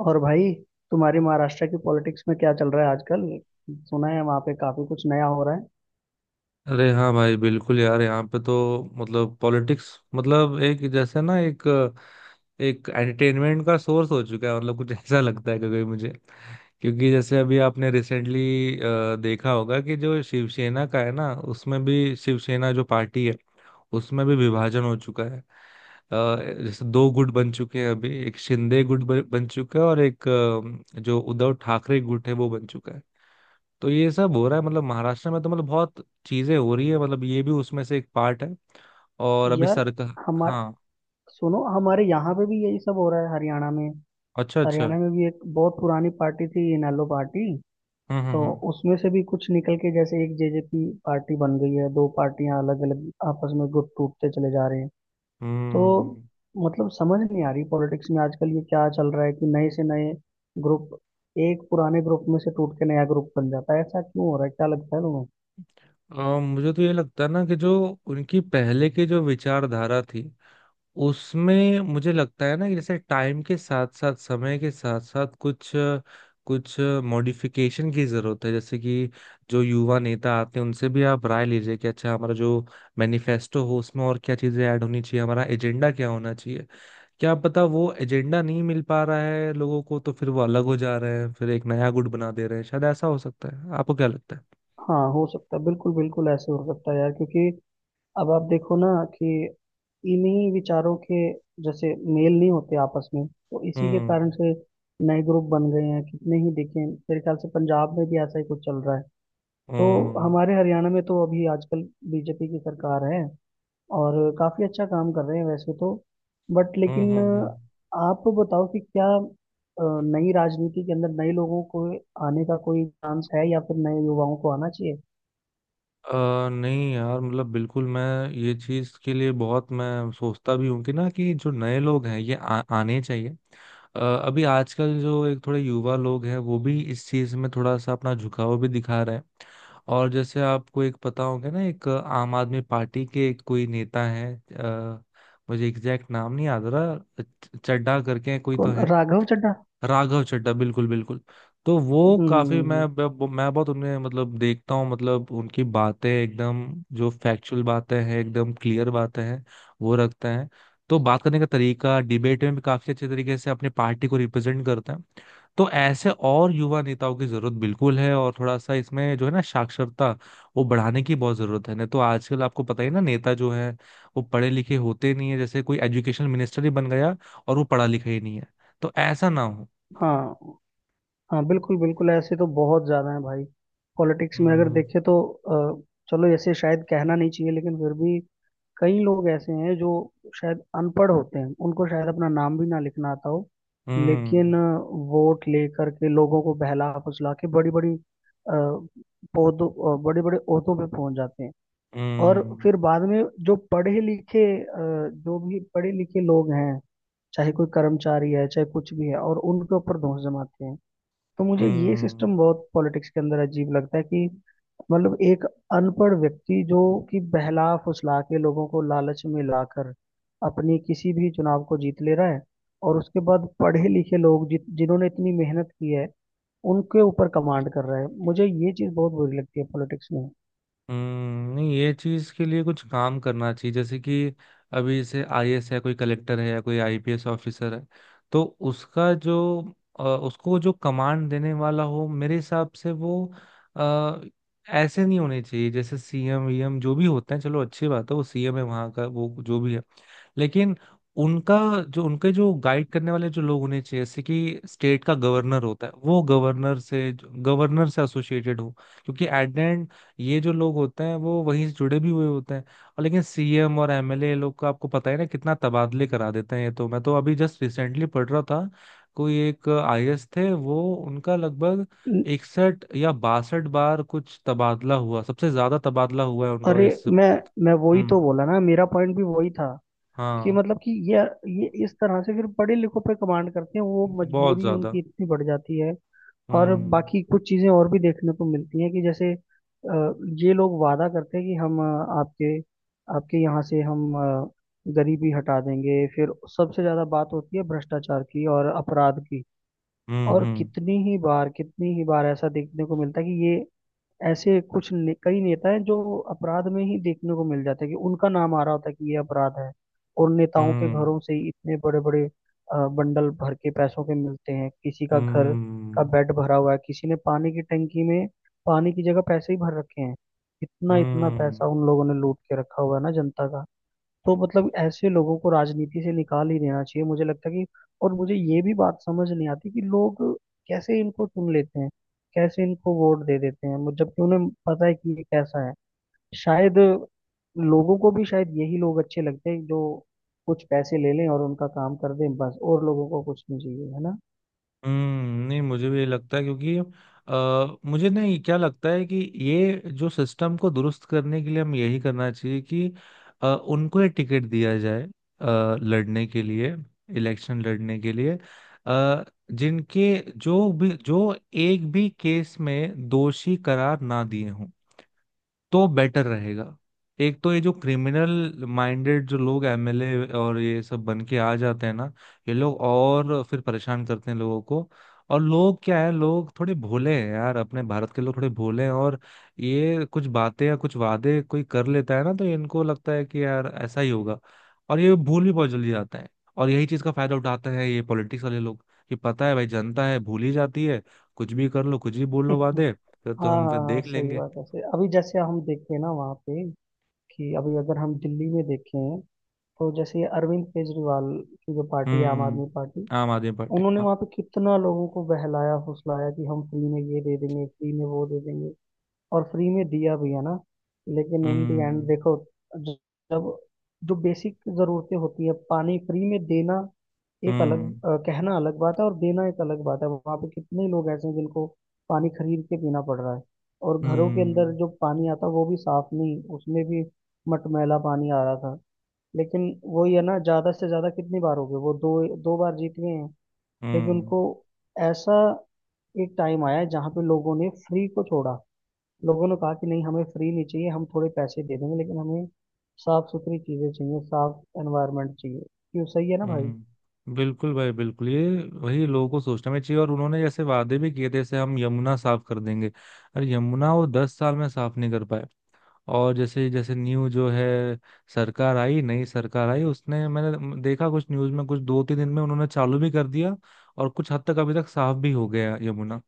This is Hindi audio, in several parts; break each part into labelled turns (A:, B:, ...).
A: और भाई, तुम्हारी महाराष्ट्र की पॉलिटिक्स में क्या चल रहा है आजकल? सुना है वहां पे काफी कुछ नया हो रहा है।
B: अरे हाँ भाई बिल्कुल यार। यहाँ पे तो पॉलिटिक्स मतलब एक जैसे ना एक एक एंटरटेनमेंट का सोर्स हो चुका है। मतलब कुछ ऐसा लगता है कभी मुझे, क्योंकि जैसे अभी आपने रिसेंटली देखा होगा कि जो शिवसेना का है ना, उसमें भी, शिवसेना जो पार्टी है उसमें भी विभाजन हो चुका है। जैसे दो गुट बन चुके हैं अभी। एक शिंदे गुट बन चुका है और एक जो उद्धव ठाकरे गुट है वो बन चुका है। तो ये सब हो रहा है मतलब महाराष्ट्र में। तो मतलब बहुत चीजें हो रही है, मतलब ये भी उसमें से एक पार्ट है। और अभी
A: यार
B: सरकार।
A: हमारे,
B: हाँ।
A: सुनो, हमारे यहाँ पे भी यही सब हो रहा है हरियाणा में।
B: अच्छा अच्छा।
A: हरियाणा में भी एक बहुत पुरानी पार्टी थी, इनेलो पार्टी। तो
B: हम्म।
A: उसमें से भी कुछ निकल के जैसे एक जेजेपी पार्टी बन गई है। दो पार्टियां अलग अलग आपस में गुट टूटते चले जा रहे हैं। तो
B: हम्म।
A: मतलब समझ नहीं आ रही पॉलिटिक्स में आजकल ये क्या चल रहा है कि नए से नए ग्रुप एक पुराने ग्रुप में से टूट के नया ग्रुप बन जाता है। ऐसा क्यों हो रहा है, क्या लगता है तुम्हें?
B: मुझे तो ये लगता है ना कि जो उनकी पहले की जो विचारधारा थी उसमें, मुझे लगता है ना, कि जैसे टाइम के साथ साथ, समय के साथ साथ कुछ कुछ मॉडिफिकेशन की जरूरत है। जैसे कि जो युवा नेता आते हैं उनसे भी आप राय लीजिए कि अच्छा हमारा जो मैनिफेस्टो हो उसमें और क्या चीजें ऐड होनी चाहिए, हमारा एजेंडा क्या होना चाहिए। क्या पता वो एजेंडा नहीं मिल पा रहा है लोगों को, तो फिर वो अलग हो जा रहे हैं, फिर एक नया गुट बना दे रहे हैं। शायद ऐसा हो सकता है। आपको क्या लगता है?
A: हाँ, हो सकता है, बिल्कुल बिल्कुल ऐसे हो सकता है यार। क्योंकि अब आप देखो ना कि इन्हीं विचारों के जैसे मेल नहीं होते आपस में, तो इसी के
B: हम्म
A: कारण से नए ग्रुप बन गए हैं। कितने ही देखें, मेरे ख्याल से पंजाब में भी ऐसा ही कुछ चल रहा है। तो
B: हम्म
A: हमारे हरियाणा में तो अभी आजकल बीजेपी की सरकार है और काफी अच्छा काम कर रहे हैं वैसे तो। बट लेकिन
B: हम्म।
A: आप बताओ कि क्या नई राजनीति के अंदर नए लोगों को आने का कोई चांस है, या फिर नए युवाओं को आना चाहिए?
B: नहीं यार मतलब बिल्कुल मैं ये चीज़ के लिए बहुत मैं सोचता भी हूँ कि ना, कि जो नए लोग हैं ये आने चाहिए। अभी आजकल जो एक थोड़े युवा लोग हैं वो भी इस चीज़ में थोड़ा सा अपना झुकाव भी दिखा रहे हैं। और जैसे आपको एक पता होगा ना, एक आम आदमी पार्टी के एक कोई नेता है मुझे एग्जैक्ट नाम नहीं याद आ रहा, चड्ढा करके कोई तो
A: कौन,
B: है।
A: राघव चड्ढा?
B: राघव चड्ढा, बिल्कुल बिल्कुल। तो वो
A: हम्म हम्म,
B: काफी,
A: हम्म, हम्म।
B: मैं बहुत उन्हें मतलब देखता हूँ, मतलब उनकी बातें एकदम, जो फैक्चुअल बातें हैं, एकदम क्लियर बातें हैं वो रखते हैं। तो बात करने का तरीका, डिबेट में भी काफी अच्छे तरीके से अपनी पार्टी को रिप्रेजेंट करते हैं। तो ऐसे और युवा नेताओं की जरूरत बिल्कुल है। और थोड़ा सा इसमें जो है ना, साक्षरता वो बढ़ाने की बहुत जरूरत है। नहीं तो आजकल आपको पता ही ना, नेता जो है वो पढ़े लिखे होते नहीं है। जैसे कोई एजुकेशन मिनिस्टर ही बन गया और वो पढ़ा लिखा ही नहीं है। तो ऐसा ना हो।
A: हाँ हाँ, बिल्कुल बिल्कुल ऐसे तो बहुत ज्यादा है भाई पॉलिटिक्स में अगर
B: हम्म
A: देखे तो। चलो ऐसे शायद कहना नहीं चाहिए, लेकिन फिर भी कई लोग ऐसे हैं जो शायद अनपढ़ होते हैं, उनको शायद अपना नाम भी ना लिखना आता हो।
B: हम्म
A: लेकिन वोट लेकर के लोगों को बहला फुसला के बड़ी बड़ी पौधों, बड़े बड़े ओहदों पे पहुंच जाते हैं।
B: हम्म
A: और
B: हम्म,
A: फिर बाद में जो पढ़े लिखे जो भी पढ़े लिखे लोग हैं, चाहे कोई कर्मचारी है चाहे कुछ भी है, और उनके ऊपर दोष जमाते हैं। तो मुझे ये
B: हम्म, हम्म,
A: सिस्टम बहुत पॉलिटिक्स के अंदर अजीब लगता है कि मतलब एक अनपढ़ व्यक्ति जो कि बहला फुसला के लोगों को लालच में लाकर अपनी किसी भी चुनाव को जीत ले रहा है, और उसके बाद पढ़े लिखे लोग जित जिन्होंने इतनी मेहनत की है उनके ऊपर कमांड कर रहा है। मुझे ये चीज बहुत बुरी लगती है पॉलिटिक्स में।
B: नहीं ये चीज के लिए कुछ काम करना चाहिए। जैसे कि अभी जैसे आईएएस है, कोई कलेक्टर है, या कोई आईपीएस ऑफिसर है, तो उसका जो, उसको जो कमांड देने वाला हो, मेरे हिसाब से वो आ, ऐसे नहीं होने चाहिए जैसे सीएम वीएम जो भी होते हैं। चलो अच्छी बात है, वो सीएम है वहां का, वो जो भी है, लेकिन उनका, जो उनके जो गाइड करने वाले जो लोग होने चाहिए, जैसे कि स्टेट का गवर्नर होता है, वो गवर्नर से एसोसिएटेड हो। क्योंकि एट द एंड ये जो लोग होते हैं वो वहीं से जुड़े भी हुए होते हैं। और लेकिन सीएम और एमएलए लोग का आपको पता है ना, कितना तबादले करा देते हैं। ये तो मैं तो अभी जस्ट रिसेंटली पढ़ रहा था, कोई एक आईएएस थे, वो उनका लगभग
A: ल-
B: 61 या 62 बार कुछ तबादला हुआ। सबसे ज्यादा तबादला हुआ है उनका
A: अरे,
B: इस।
A: मैं वही
B: हम्म।
A: तो बोला ना, मेरा पॉइंट भी वही था कि
B: हाँ।
A: मतलब कि ये इस तरह से फिर बड़े लिखों पे कमांड करते हैं, वो
B: बहुत
A: मजबूरी
B: ज्यादा।
A: उनकी इतनी बढ़ जाती है। और
B: हम्म
A: बाकी कुछ चीजें और भी देखने को मिलती हैं कि जैसे ये लोग वादा करते हैं कि हम आपके आपके यहाँ से हम गरीबी हटा देंगे। फिर सबसे ज्यादा बात होती है भ्रष्टाचार की और अपराध की। और
B: हम्म
A: कितनी ही बार ऐसा देखने को मिलता है कि ये ऐसे कई नेता हैं जो अपराध में ही देखने को मिल जाता है कि उनका नाम आ रहा होता है कि ये अपराध है। और नेताओं के
B: हम्म
A: घरों से ही इतने बड़े बड़े बंडल भर के पैसों के मिलते हैं, किसी का घर का
B: हम्म
A: बेड भरा हुआ है, किसी ने पानी की टंकी में पानी की जगह पैसे ही भर रखे हैं। इतना इतना पैसा
B: हम्म
A: उन लोगों ने लूट के रखा हुआ है ना जनता का। तो मतलब ऐसे लोगों को राजनीति से निकाल ही देना चाहिए, मुझे लगता है कि। और मुझे ये भी बात समझ नहीं आती कि लोग कैसे इनको चुन लेते हैं, कैसे इनको वोट दे देते हैं जबकि उन्हें पता है कि ये कैसा है। शायद लोगों को भी शायद यही लोग अच्छे लगते हैं जो कुछ पैसे ले लें और उनका काम कर दें बस, और लोगों को कुछ नहीं चाहिए, है ना?
B: नहीं मुझे भी ये लगता है। क्योंकि मुझे नहीं क्या लगता है कि ये जो सिस्टम को दुरुस्त करने के लिए, हम यही करना चाहिए कि उनको ये टिकट दिया जाए अ, लड़ने के लिए, इलेक्शन लड़ने के लिए, अ, जिनके जो भी, जो एक भी केस में दोषी करार ना दिए हों, तो बेटर रहेगा। एक तो ये जो क्रिमिनल माइंडेड जो लोग एमएलए और ये सब बन के आ जाते हैं ना, ये लोग और फिर परेशान करते हैं लोगों को। और लोग क्या है, लोग थोड़े भोले हैं यार, अपने भारत के लोग थोड़े भोले हैं। और ये कुछ बातें या कुछ वादे कोई कर लेता है ना, तो इनको लगता है कि यार ऐसा ही होगा। और ये भूल भी बहुत जल्दी जाते हैं। और यही चीज का फायदा उठाते हैं ये पॉलिटिक्स वाले लोग, कि पता है भाई, जनता है भूल ही जाती है, कुछ भी कर लो, कुछ भी बोल लो वादे, फिर तो
A: हाँ
B: हम फिर
A: हाँ हाँ,
B: देख
A: सही
B: लेंगे।
A: बात है सही। अभी जैसे हम देखते हैं ना वहाँ पे, कि अभी अगर हम दिल्ली में देखें, तो जैसे ये अरविंद केजरीवाल की जो पार्टी है आम
B: हम्म।
A: आदमी पार्टी,
B: आम आदमी पार्टी,
A: उन्होंने
B: हाँ।
A: वहां पे कितना लोगों को बहलाया फुसलाया कि हम फ्री में ये दे देंगे, फ्री में वो दे देंगे। और फ्री में दिया भी है ना, लेकिन इन दी एंड
B: हम्म
A: देखो, ज- जब जो बेसिक जरूरतें होती है, पानी फ्री में देना, एक अलग
B: हम्म
A: कहना अलग बात है और देना एक अलग बात है। वहां पे कितने लोग ऐसे हैं जिनको पानी खरीद के पीना पड़ रहा है, और घरों के अंदर
B: हम्म
A: जो पानी आता है वो भी साफ नहीं, उसमें भी मटमैला पानी आ रहा था। लेकिन वही है ना, ज्यादा से ज्यादा कितनी बार हो गए वो, दो दो बार जीत गए हैं। लेकिन
B: हम्म
A: उनको ऐसा एक टाइम आया जहाँ पे लोगों ने फ्री को छोड़ा, लोगों ने कहा कि नहीं हमें फ्री नहीं चाहिए, हम थोड़े पैसे दे देंगे लेकिन हमें साफ सुथरी चीजें चाहिए, साफ एनवायरनमेंट चाहिए। क्यों, सही है ना भाई?
B: हम्म। बिल्कुल भाई बिल्कुल। ये वही लोगों को सोचना भी चाहिए। और उन्होंने जैसे वादे भी किए थे, जैसे हम यमुना साफ कर देंगे। अरे यमुना वो 10 साल में साफ नहीं कर पाए। और जैसे जैसे न्यू जो है सरकार आई, नई सरकार आई, उसने, मैंने देखा कुछ न्यूज में, कुछ 2-3 दिन में उन्होंने चालू भी कर दिया। और कुछ हद तक अभी तक साफ भी हो गया यमुना।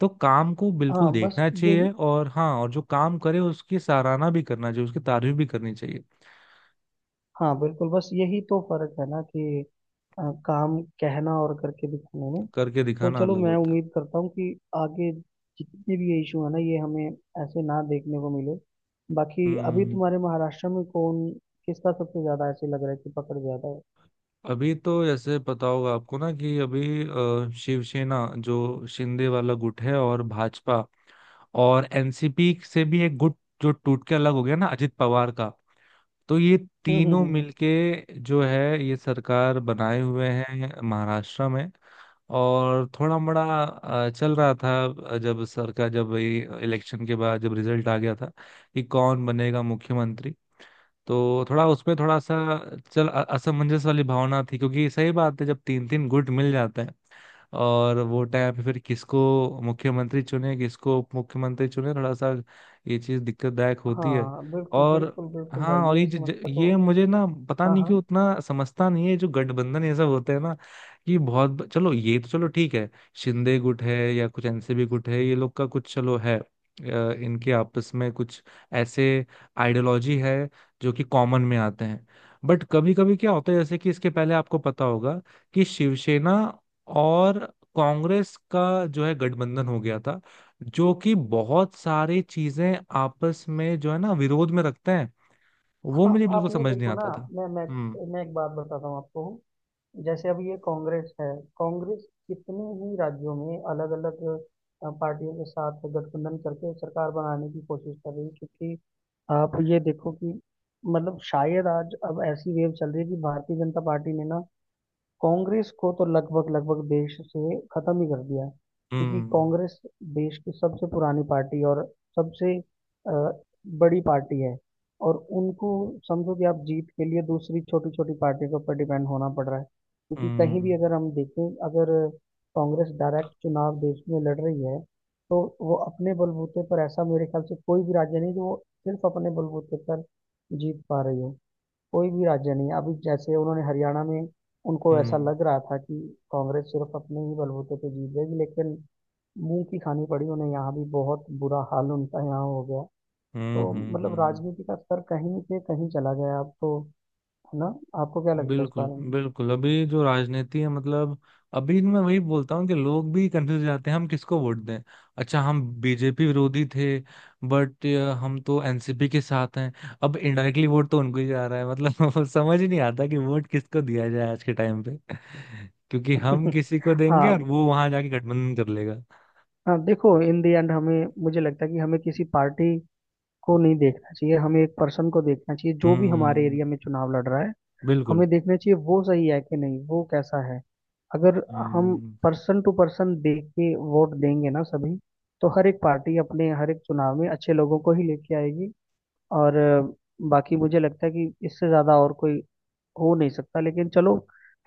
B: तो काम को
A: हाँ
B: बिल्कुल
A: बस
B: देखना
A: यही,
B: चाहिए। और हाँ, और जो काम करे उसकी सराहना भी करना चाहिए, उसकी तारीफ भी करनी चाहिए।
A: हाँ बिल्कुल, बस यही तो फर्क है ना कि काम कहना और करके दिखाने में।
B: करके
A: तो
B: दिखाना
A: चलो,
B: अलग
A: मैं
B: होता है।
A: उम्मीद करता हूँ कि आगे जितने भी ये इशू है ना, ये हमें ऐसे ना देखने को मिले। बाकी अभी
B: हम्म।
A: तुम्हारे महाराष्ट्र में कौन किसका सबसे ज्यादा ऐसे लग रहा है कि पकड़ ज्यादा है?
B: अभी तो जैसे पता होगा आपको ना, कि अभी शिवसेना जो शिंदे वाला गुट है, और भाजपा, और एनसीपी से भी एक गुट जो टूट के अलग हो गया ना अजित पवार का, तो ये
A: हम्म हम्म
B: तीनों
A: हम्म, हम्म।
B: मिलके जो है ये सरकार बनाए हुए हैं महाराष्ट्र में। और थोड़ा बड़ा चल रहा था जब सरकार, जब ये इलेक्शन के बाद जब रिजल्ट आ गया था कि कौन बनेगा मुख्यमंत्री, तो थोड़ा उसमें थोड़ा सा असमंजस वाली भावना थी। क्योंकि सही बात है, जब तीन तीन गुट मिल जाते हैं, और वो टाइम पे फिर किसको मुख्यमंत्री चुने, किसको उप मुख्यमंत्री चुने, थोड़ा सा ये चीज दिक्कतदायक होती है।
A: हाँ बिल्कुल
B: और
A: बिल्कुल बिल्कुल भाई,
B: हाँ, और ये
A: ये
B: ज, ज,
A: समस्या तो।
B: ये मुझे ना पता
A: हाँ
B: नहीं क्यों
A: हाँ
B: उतना समझता नहीं है, जो गठबंधन ये सब होते हैं ना, कि चलो ये तो चलो ठीक है, शिंदे गुट है या कुछ एनसीपी गुट है, ये लोग का कुछ चलो है, इनके आपस में कुछ ऐसे आइडियोलॉजी है जो कि कॉमन में आते हैं। बट कभी कभी क्या होता है जैसे कि, इसके पहले आपको पता होगा कि शिवसेना और कांग्रेस का जो है गठबंधन हो गया था, जो कि बहुत सारी चीजें आपस में जो है ना विरोध में रखते हैं। वो
A: हाँ,
B: मुझे
A: आप
B: बिल्कुल
A: ये
B: समझ नहीं
A: देखो ना।
B: आता था।
A: मैं मैं मैं एक बात बताता हूँ आपको। जैसे अब ये कांग्रेस है, कांग्रेस कितने ही राज्यों में अलग अलग पार्टियों के साथ गठबंधन करके सरकार बनाने की कोशिश कर रही है। क्योंकि आप ये देखो कि मतलब शायद आज अब ऐसी वेव चल रही है कि भारतीय जनता पार्टी ने ना कांग्रेस को तो लगभग लगभग देश से खत्म ही कर दिया है। क्योंकि
B: हम्म
A: कांग्रेस देश की सबसे पुरानी पार्टी और सबसे बड़ी पार्टी है, और उनको समझो कि आप जीत के लिए दूसरी छोटी छोटी पार्टी के ऊपर डिपेंड होना पड़ रहा है। क्योंकि कहीं
B: हम्म
A: भी अगर हम देखें, अगर कांग्रेस डायरेक्ट चुनाव देश में लड़ रही है, तो वो अपने बलबूते पर, ऐसा मेरे ख्याल से कोई भी राज्य नहीं जो वो सिर्फ अपने बलबूते पर जीत पा रही हो, कोई भी राज्य नहीं है। अभी जैसे उन्होंने हरियाणा में, उनको ऐसा
B: हम्म
A: लग रहा था कि कांग्रेस सिर्फ अपने ही बलबूते पे जीत जाएगी, लेकिन मुंह की खानी पड़ी उन्हें, यहाँ भी बहुत बुरा हाल उनका यहाँ हो गया।
B: हम्म
A: तो
B: हम्म हम्म
A: मतलब
B: हम्म।
A: राजनीति का स्तर कहीं से कहीं चला गया अब तो, है ना? आपको क्या लगता है इस
B: बिल्कुल
A: बारे
B: बिल्कुल। अभी जो राजनीति है मतलब, अभी मैं वही बोलता हूँ कि लोग भी कंफ्यूज जाते हैं, हम किसको वोट दें। अच्छा हम बीजेपी विरोधी थे, बट हम तो एनसीपी के साथ हैं, अब इनडायरेक्टली वोट तो उनको ही जा रहा है। मतलब समझ ही नहीं आता कि वोट किसको दिया जाए आज के टाइम पे, क्योंकि हम
A: में?
B: किसी को देंगे और
A: हाँ
B: वो वहां जाके गठबंधन कर लेगा।
A: हाँ, देखो इन द एंड हमें, मुझे लगता है कि हमें किसी पार्टी को नहीं देखना चाहिए, हमें एक पर्सन को देखना चाहिए जो भी हमारे
B: हम्म,
A: एरिया में चुनाव लड़ रहा है।
B: बिल्कुल।
A: हमें देखना चाहिए वो सही है कि नहीं, वो कैसा है। अगर हम
B: हम्म
A: पर्सन टू पर्सन देख के वोट देंगे ना सभी, तो हर एक पार्टी अपने हर एक चुनाव में अच्छे लोगों को ही लेके आएगी। और बाकी मुझे लगता है कि इससे ज्यादा और कोई हो नहीं सकता। लेकिन चलो,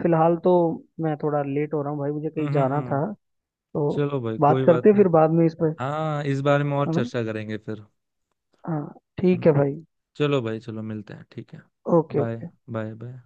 A: फिलहाल तो मैं थोड़ा लेट हो रहा हूँ भाई, मुझे
B: हम्म
A: कहीं
B: हम्म
A: जाना था।
B: हम्म।
A: तो
B: चलो भाई
A: बात
B: कोई
A: करते
B: बात
A: हैं
B: नहीं।
A: फिर बाद में इस पर,
B: हाँ इस बारे में और
A: है ना?
B: चर्चा करेंगे फिर।
A: हाँ ठीक है
B: हम्म,
A: भाई।
B: चलो भाई, चलो मिलते हैं, ठीक है।
A: Okay
B: bye
A: okay.
B: Bye bye.